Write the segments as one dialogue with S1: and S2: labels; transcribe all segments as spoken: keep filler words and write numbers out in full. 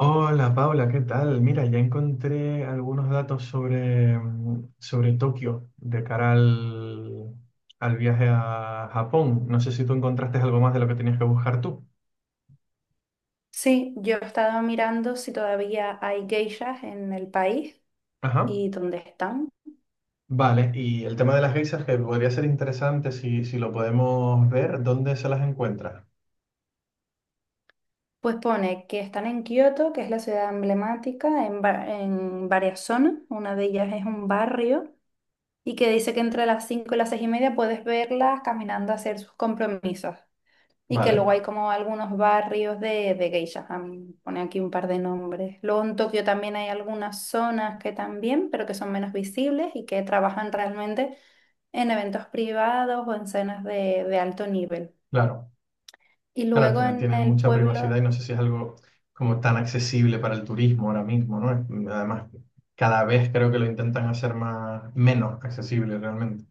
S1: Hola Paula, ¿qué tal? Mira, ya encontré algunos datos sobre, mm, sobre Tokio de cara al, al viaje a Japón. No sé si tú encontraste algo más de lo que tenías que buscar tú.
S2: Sí, yo he estado mirando si todavía hay geishas en el país
S1: Ajá.
S2: y dónde están.
S1: Vale, y el tema de las geishas que podría ser interesante si, si lo podemos ver, ¿dónde se las encuentra?
S2: Pues pone que están en Kioto, que es la ciudad emblemática, en, va- en varias zonas. Una de ellas es un barrio y que dice que entre las cinco y las seis y media puedes verlas caminando a hacer sus compromisos. Y que
S1: Vale,
S2: luego hay como algunos barrios de, de geishas. A pone aquí un par de nombres. Luego en Tokio también hay algunas zonas que también, pero que son menos visibles y que trabajan realmente en eventos privados o en cenas de, de alto nivel.
S1: claro.
S2: Y
S1: Claro, al
S2: luego
S1: final
S2: en
S1: tienen
S2: el
S1: mucha privacidad
S2: pueblo,
S1: y no sé si es algo como tan accesible para el turismo ahora mismo, ¿no? Es- Además, cada vez creo que lo intentan hacer más, menos accesible realmente.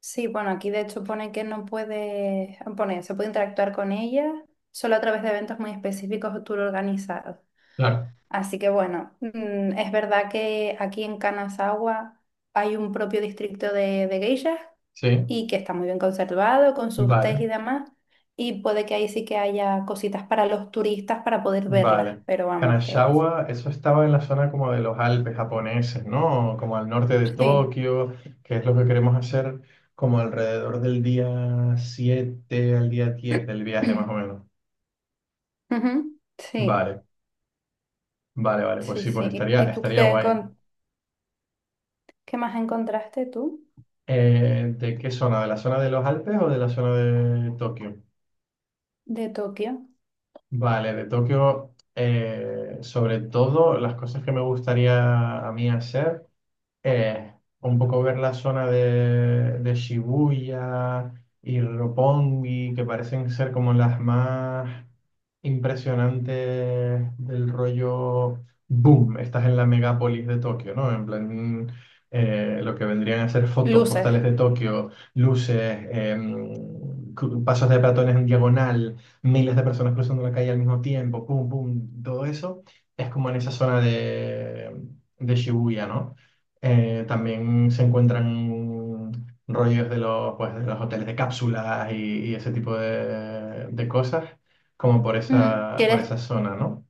S2: sí, bueno, aquí de hecho pone que no puede, pone, se puede interactuar con ella solo a través de eventos muy específicos o tour organizados.
S1: Claro,
S2: Así que bueno, mm, es verdad que aquí en Kanazawa hay un propio distrito de, de geishas
S1: sí,
S2: y que está muy bien conservado con sus tés
S1: vale,
S2: y demás. Y puede que ahí sí que haya cositas para los turistas para poder verlas,
S1: vale.
S2: pero vamos, que
S1: Kanashawa, eso estaba en la zona como de los Alpes japoneses, ¿no? Como al norte de
S2: sí.
S1: Tokio, que es lo que queremos hacer como alrededor del día siete al día diez del viaje, más o menos.
S2: Ujú. Sí,
S1: Vale, vale, vale, pues
S2: sí,
S1: sí, pues
S2: sí.
S1: estaría,
S2: ¿Y tú
S1: estaría
S2: qué,
S1: guay.
S2: encon- qué más encontraste tú
S1: Eh, ¿de qué zona? ¿De la zona de los Alpes o de la zona de Tokio?
S2: de Tokio?
S1: Vale, de Tokio, eh, sobre todo las cosas que me gustaría a mí hacer. eh, un poco ver la zona de, de Shibuya y Roppongi, que parecen ser como las más impresionantes del rollo boom. Estás en la megápolis de Tokio, ¿no? En plan, eh, lo que vendrían a ser fotos
S2: Luces.
S1: postales de Tokio, luces, em, cru- pasos de peatones en diagonal, miles de personas cruzando la calle al mismo tiempo, pum, pum, todo eso. Es como en esa zona de, de Shibuya, ¿no? Eh, también se encuentran rollos de los, pues, de los hoteles de cápsulas y, y ese tipo de, de cosas, como por
S2: Mm,
S1: esa, por
S2: ¿Quieres,
S1: esa zona, ¿no?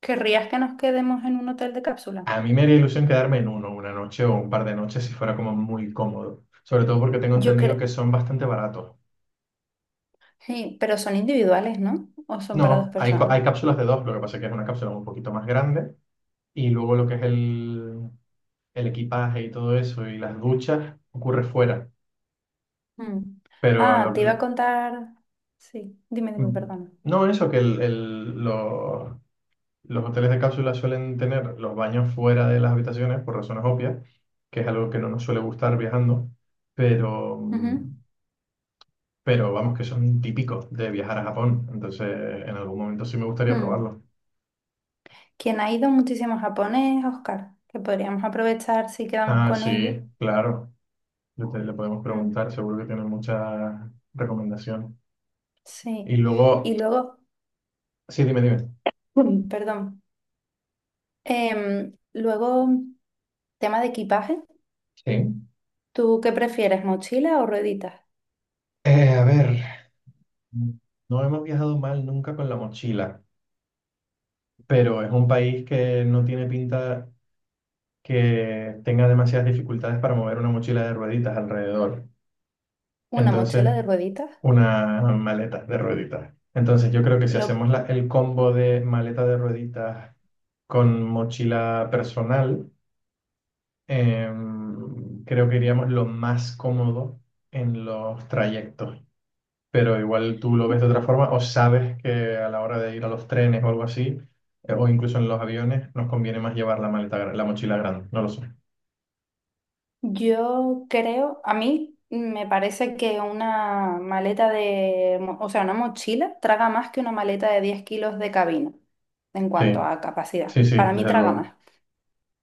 S2: querrías que nos quedemos en un hotel de cápsula?
S1: A mí me haría ilusión quedarme en uno, una noche o un par de noches si fuera como muy cómodo, sobre todo porque tengo
S2: Yo
S1: entendido
S2: creo,
S1: que son bastante baratos.
S2: sí, pero son individuales, ¿no? ¿O son para dos
S1: No, hay, co- hay
S2: personas?
S1: cápsulas de dos, lo que pasa es que es una cápsula un poquito más grande y luego lo que es el, el equipaje y todo eso y las duchas ocurre fuera.
S2: Mm.
S1: Pero
S2: Ah, te iba a
S1: lo-
S2: contar. Sí, dime, dime,
S1: Mm,
S2: perdona.
S1: No, eso que el- el- lo- los hoteles de cápsula suelen tener los baños fuera de las habitaciones por razones obvias, que es algo que no nos suele gustar viajando, pero,
S2: Ujú.
S1: mm, pero vamos que son típicos de viajar a Japón, entonces en algún momento sí me gustaría
S2: Mm.
S1: probarlo.
S2: Quien ha ido muchísimo a Japón es Oscar, que podríamos aprovechar si quedamos
S1: Ah,
S2: con ellos.
S1: sí, claro, le, te- le podemos
S2: Mm.
S1: preguntar, seguro que tienen muchas recomendaciones. Y
S2: Sí.
S1: luego,
S2: Y luego,
S1: sí, dime, dime.
S2: mm, perdón, em, luego, tema de equipaje.
S1: Sí.
S2: ¿Tú qué prefieres, mochila o rueditas?
S1: Eh, a ver, no hemos viajado mal nunca con la mochila. Pero es un país que no tiene pinta que tenga demasiadas dificultades para mover una mochila de rueditas alrededor.
S2: Una
S1: Entonces,
S2: mochila de rueditas.
S1: una maleta de rueditas. Entonces, yo creo que si
S2: Lo,
S1: hacemos la- el combo de maleta de rueditas con mochila personal, em, creo que iríamos lo más cómodo en los trayectos. Pero igual tú lo ves de otra forma o sabes que a la hora de ir a los trenes o algo así, eh, o incluso en los aviones, nos conviene más llevar la maleta, gra- la mochila grande, no lo sé.
S2: yo creo, a mí me parece que una maleta de, mo- o sea, una mochila traga más que una maleta de diez kilos de cabina en cuanto
S1: Sí,
S2: a capacidad.
S1: sí, sí,
S2: Para mí
S1: desde
S2: traga
S1: luego.
S2: más.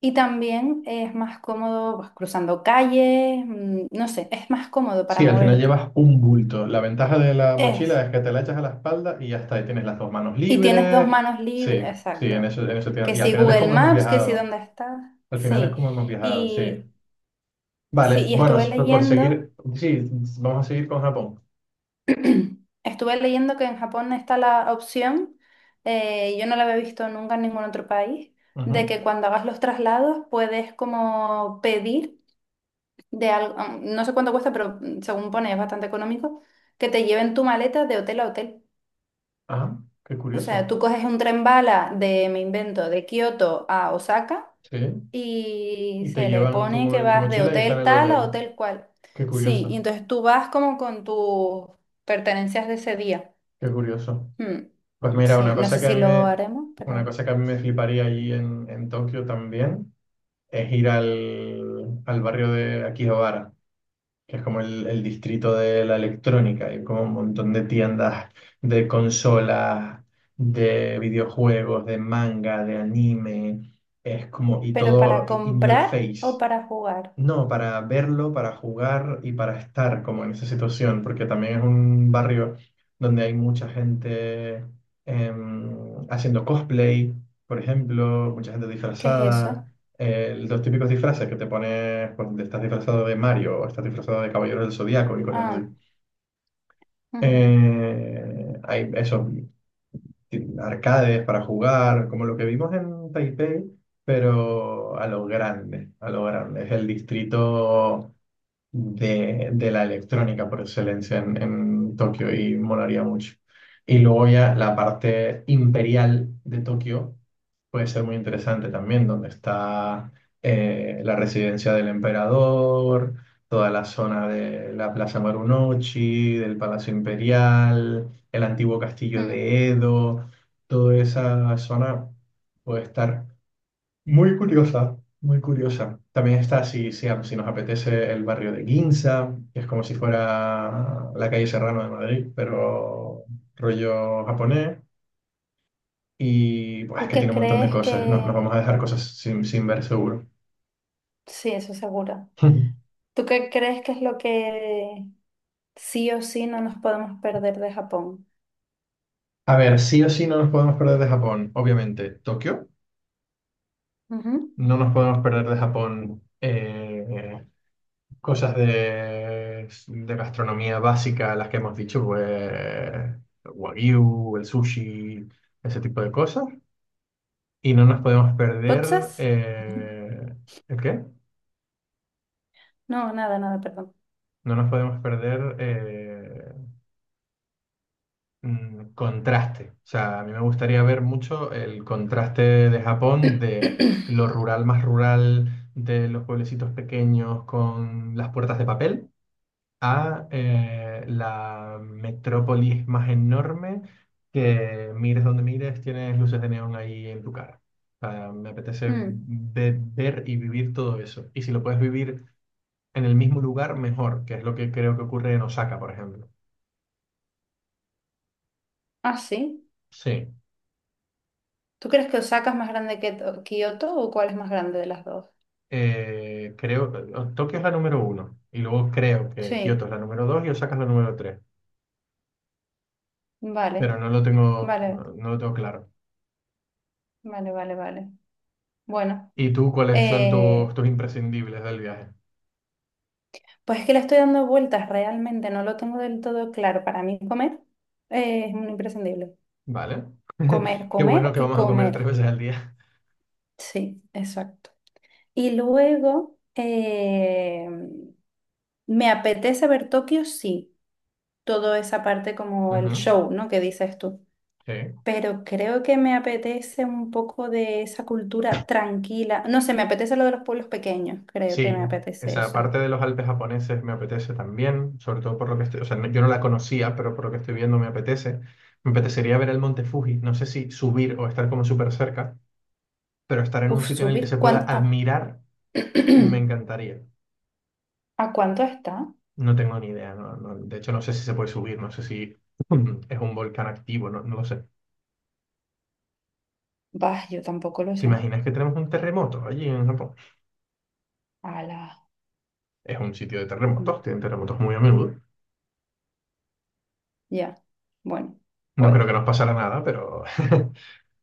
S2: Y también es más cómodo pues, cruzando calles, mm, no sé, es más cómodo para
S1: Sí, al final
S2: moverte.
S1: llevas un bulto. La ventaja de la
S2: Es.
S1: mochila es que te la echas a la espalda y ya está, ahí tienes las dos manos
S2: Y tienes dos
S1: libres.
S2: manos libres,
S1: Sí, sí, en
S2: exacto.
S1: eso, en eso tiene-
S2: Que
S1: Y al
S2: si
S1: final es
S2: Google
S1: como hemos
S2: Maps, que si
S1: viajado.
S2: dónde estás.
S1: Al final es
S2: Sí.
S1: como hemos viajado, sí.
S2: Y
S1: Vale,
S2: sí, y
S1: bueno,
S2: estuve
S1: si fue por
S2: leyendo.
S1: seguir, sí, vamos a seguir con Japón.
S2: Estuve leyendo que en Japón está la opción, eh, yo no la había visto nunca en ningún otro país, de
S1: Ujú,
S2: que cuando hagas los traslados puedes como pedir de algo, no sé cuánto cuesta, pero mm, según pone es bastante económico, que te lleven tu maleta de hotel a hotel.
S1: ajá, qué
S2: O sea,
S1: curioso.
S2: tú coges un tren bala de, me invento, de Kioto a Osaka
S1: Sí.
S2: y
S1: Y te
S2: se le
S1: llevan tu,
S2: pone que
S1: mo- tu
S2: vas de
S1: mochila y está en
S2: hotel
S1: el
S2: tal a
S1: hotel.
S2: hotel cual.
S1: Qué
S2: Sí, y
S1: curioso,
S2: entonces tú vas como con tus pertenencias de ese día.
S1: qué curioso.
S2: Hmm.
S1: Pues mira,
S2: Sí,
S1: una
S2: no sé
S1: cosa que a
S2: si
S1: mí
S2: lo
S1: me,
S2: haremos,
S1: una
S2: pero…
S1: cosa que a mí me fliparía allí en, en Tokio también es ir al, al barrio de Akihabara, que es como el, el distrito de la electrónica. Hay como un montón de tiendas de consolas, de videojuegos, de manga, de anime. Es como, y
S2: ¿Pero para
S1: todo in your
S2: comprar o
S1: face.
S2: para jugar?
S1: No, para verlo, para jugar y para estar como en esa situación, porque también es un barrio donde hay mucha gente em, haciendo cosplay, por ejemplo, mucha gente
S2: ¿Qué es
S1: disfrazada,
S2: eso?
S1: eh, los típicos disfraces que te pones, pues estás disfrazado de Mario o estás disfrazado de Caballero del Zodíaco y cosas así.
S2: Ah, ujú,
S1: Eh, hay esos ti- arcades para jugar, como lo que vimos en Taipei, pero a lo grande, a lo grande. Es el distrito de, de la electrónica por excelencia en, en Tokio y molaría mucho. Y luego ya la parte imperial de Tokio puede ser muy interesante también, donde está eh, la residencia del emperador, toda la zona de la Plaza Marunouchi, del Palacio Imperial, el antiguo castillo
S2: mm.
S1: de Edo, toda esa zona puede estar muy curiosa, muy curiosa. También está si, si, si nos apetece el barrio de Ginza, que es como si fuera la calle Serrano de Madrid, pero rollo japonés. Y pues es
S2: ¿Tú
S1: que
S2: qué
S1: tiene un montón de
S2: crees que…
S1: cosas. No, nos vamos a dejar cosas sin, sin ver seguro.
S2: Sí, eso seguro. ¿Tú qué crees que es lo que sí o sí no nos podemos perder de Japón?
S1: A ver, sí o sí no nos podemos perder de Japón, obviamente. Tokio,
S2: Ujú.
S1: no nos podemos perder de Japón. eh, Cosas de, de gastronomía básica, las que hemos dicho, pues el wagyu, el sushi, ese tipo de cosas. Y no nos podemos perder,
S2: ¿Potsas?
S1: eh, ¿el qué?
S2: No, nada, nada, perdón.
S1: No nos podemos perder eh, mm, contraste. O sea, a mí me gustaría ver mucho el contraste de Japón de lo rural más rural, de los pueblecitos pequeños con las puertas de papel a eh, la metrópolis más enorme que mires donde mires, tienes luces de neón ahí en tu cara. O sea, me apetece
S2: Mm.
S1: ve- ver y vivir todo eso. Y si lo puedes vivir en el mismo lugar, mejor, que es lo que creo que ocurre en Osaka, por ejemplo.
S2: Ah, sí.
S1: Sí,
S2: ¿Tú crees que Osaka es más grande que To- Kioto o cuál es más grande de las dos?
S1: eh, creo, Tokio es la número uno y luego creo que Kioto
S2: Sí,
S1: es la número dos y Osaka es la número tres,
S2: vale,
S1: pero no lo tengo, no,
S2: vale,
S1: no lo tengo claro.
S2: vale, vale, vale. Bueno,
S1: ¿Y tú cuáles son
S2: eh,
S1: tus, tus imprescindibles del viaje?
S2: pues es que le estoy dando vueltas realmente, no lo tengo del todo claro. Para mí comer eh, es un imprescindible.
S1: Vale.
S2: Comer,
S1: Qué bueno
S2: comer
S1: que
S2: y
S1: vamos a comer tres
S2: comer.
S1: veces al día.
S2: Sí, exacto. Y luego eh, me apetece ver Tokio, sí, toda esa parte como el
S1: Ujú,
S2: show, ¿no? Que dices tú.
S1: sí.
S2: Pero creo que me apetece un poco de esa cultura tranquila. No sé, me apetece lo de los pueblos pequeños, creo que me
S1: Sí,
S2: apetece
S1: esa
S2: eso.
S1: parte de los Alpes japoneses me apetece también, sobre todo por lo que estoy, o sea, no- yo no la conocía, pero por lo que estoy viendo me apetece. Me apetecería ver el monte Fuji, no sé si subir o estar como súper cerca, pero estar en un
S2: Uf,
S1: sitio en el que se
S2: subir
S1: pueda
S2: cuando…
S1: admirar me encantaría.
S2: ¿A cuánto está?
S1: No tengo ni idea, no- no- de hecho no sé si se puede subir, no sé si es un volcán activo, no, no lo sé.
S2: Bah, yo tampoco lo
S1: ¿Te
S2: sé.
S1: imaginas que tenemos un terremoto allí en Japón?
S2: A la…
S1: Es un sitio de
S2: mm.
S1: terremotos, tienen terremotos muy a menudo.
S2: Ya. Bueno,
S1: No
S2: pues,
S1: creo que nos pasara nada, pero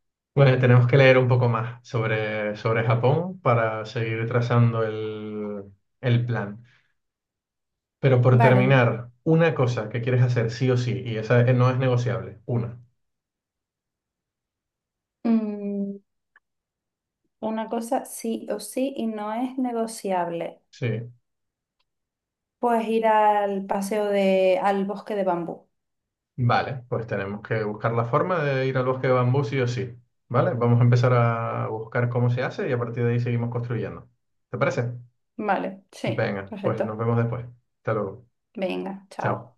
S1: bueno, tenemos que leer un poco más sobre, sobre Japón para seguir trazando el, el plan. Pero por
S2: vale.
S1: terminar, una cosa que quieres hacer sí o sí, y esa eh, no es negociable, una.
S2: Mm, una cosa sí o sí y no es negociable.
S1: Sí,
S2: Puedes ir al paseo de… al bosque de bambú.
S1: vale, pues tenemos que buscar la forma de ir al bosque de bambú sí o sí. Vale, vamos a empezar a buscar cómo se hace y a partir de ahí seguimos construyendo. ¿Te parece?
S2: Vale, sí,
S1: Venga, pues nos
S2: perfecto.
S1: vemos después. Hasta luego.
S2: Venga, chao.
S1: Chao.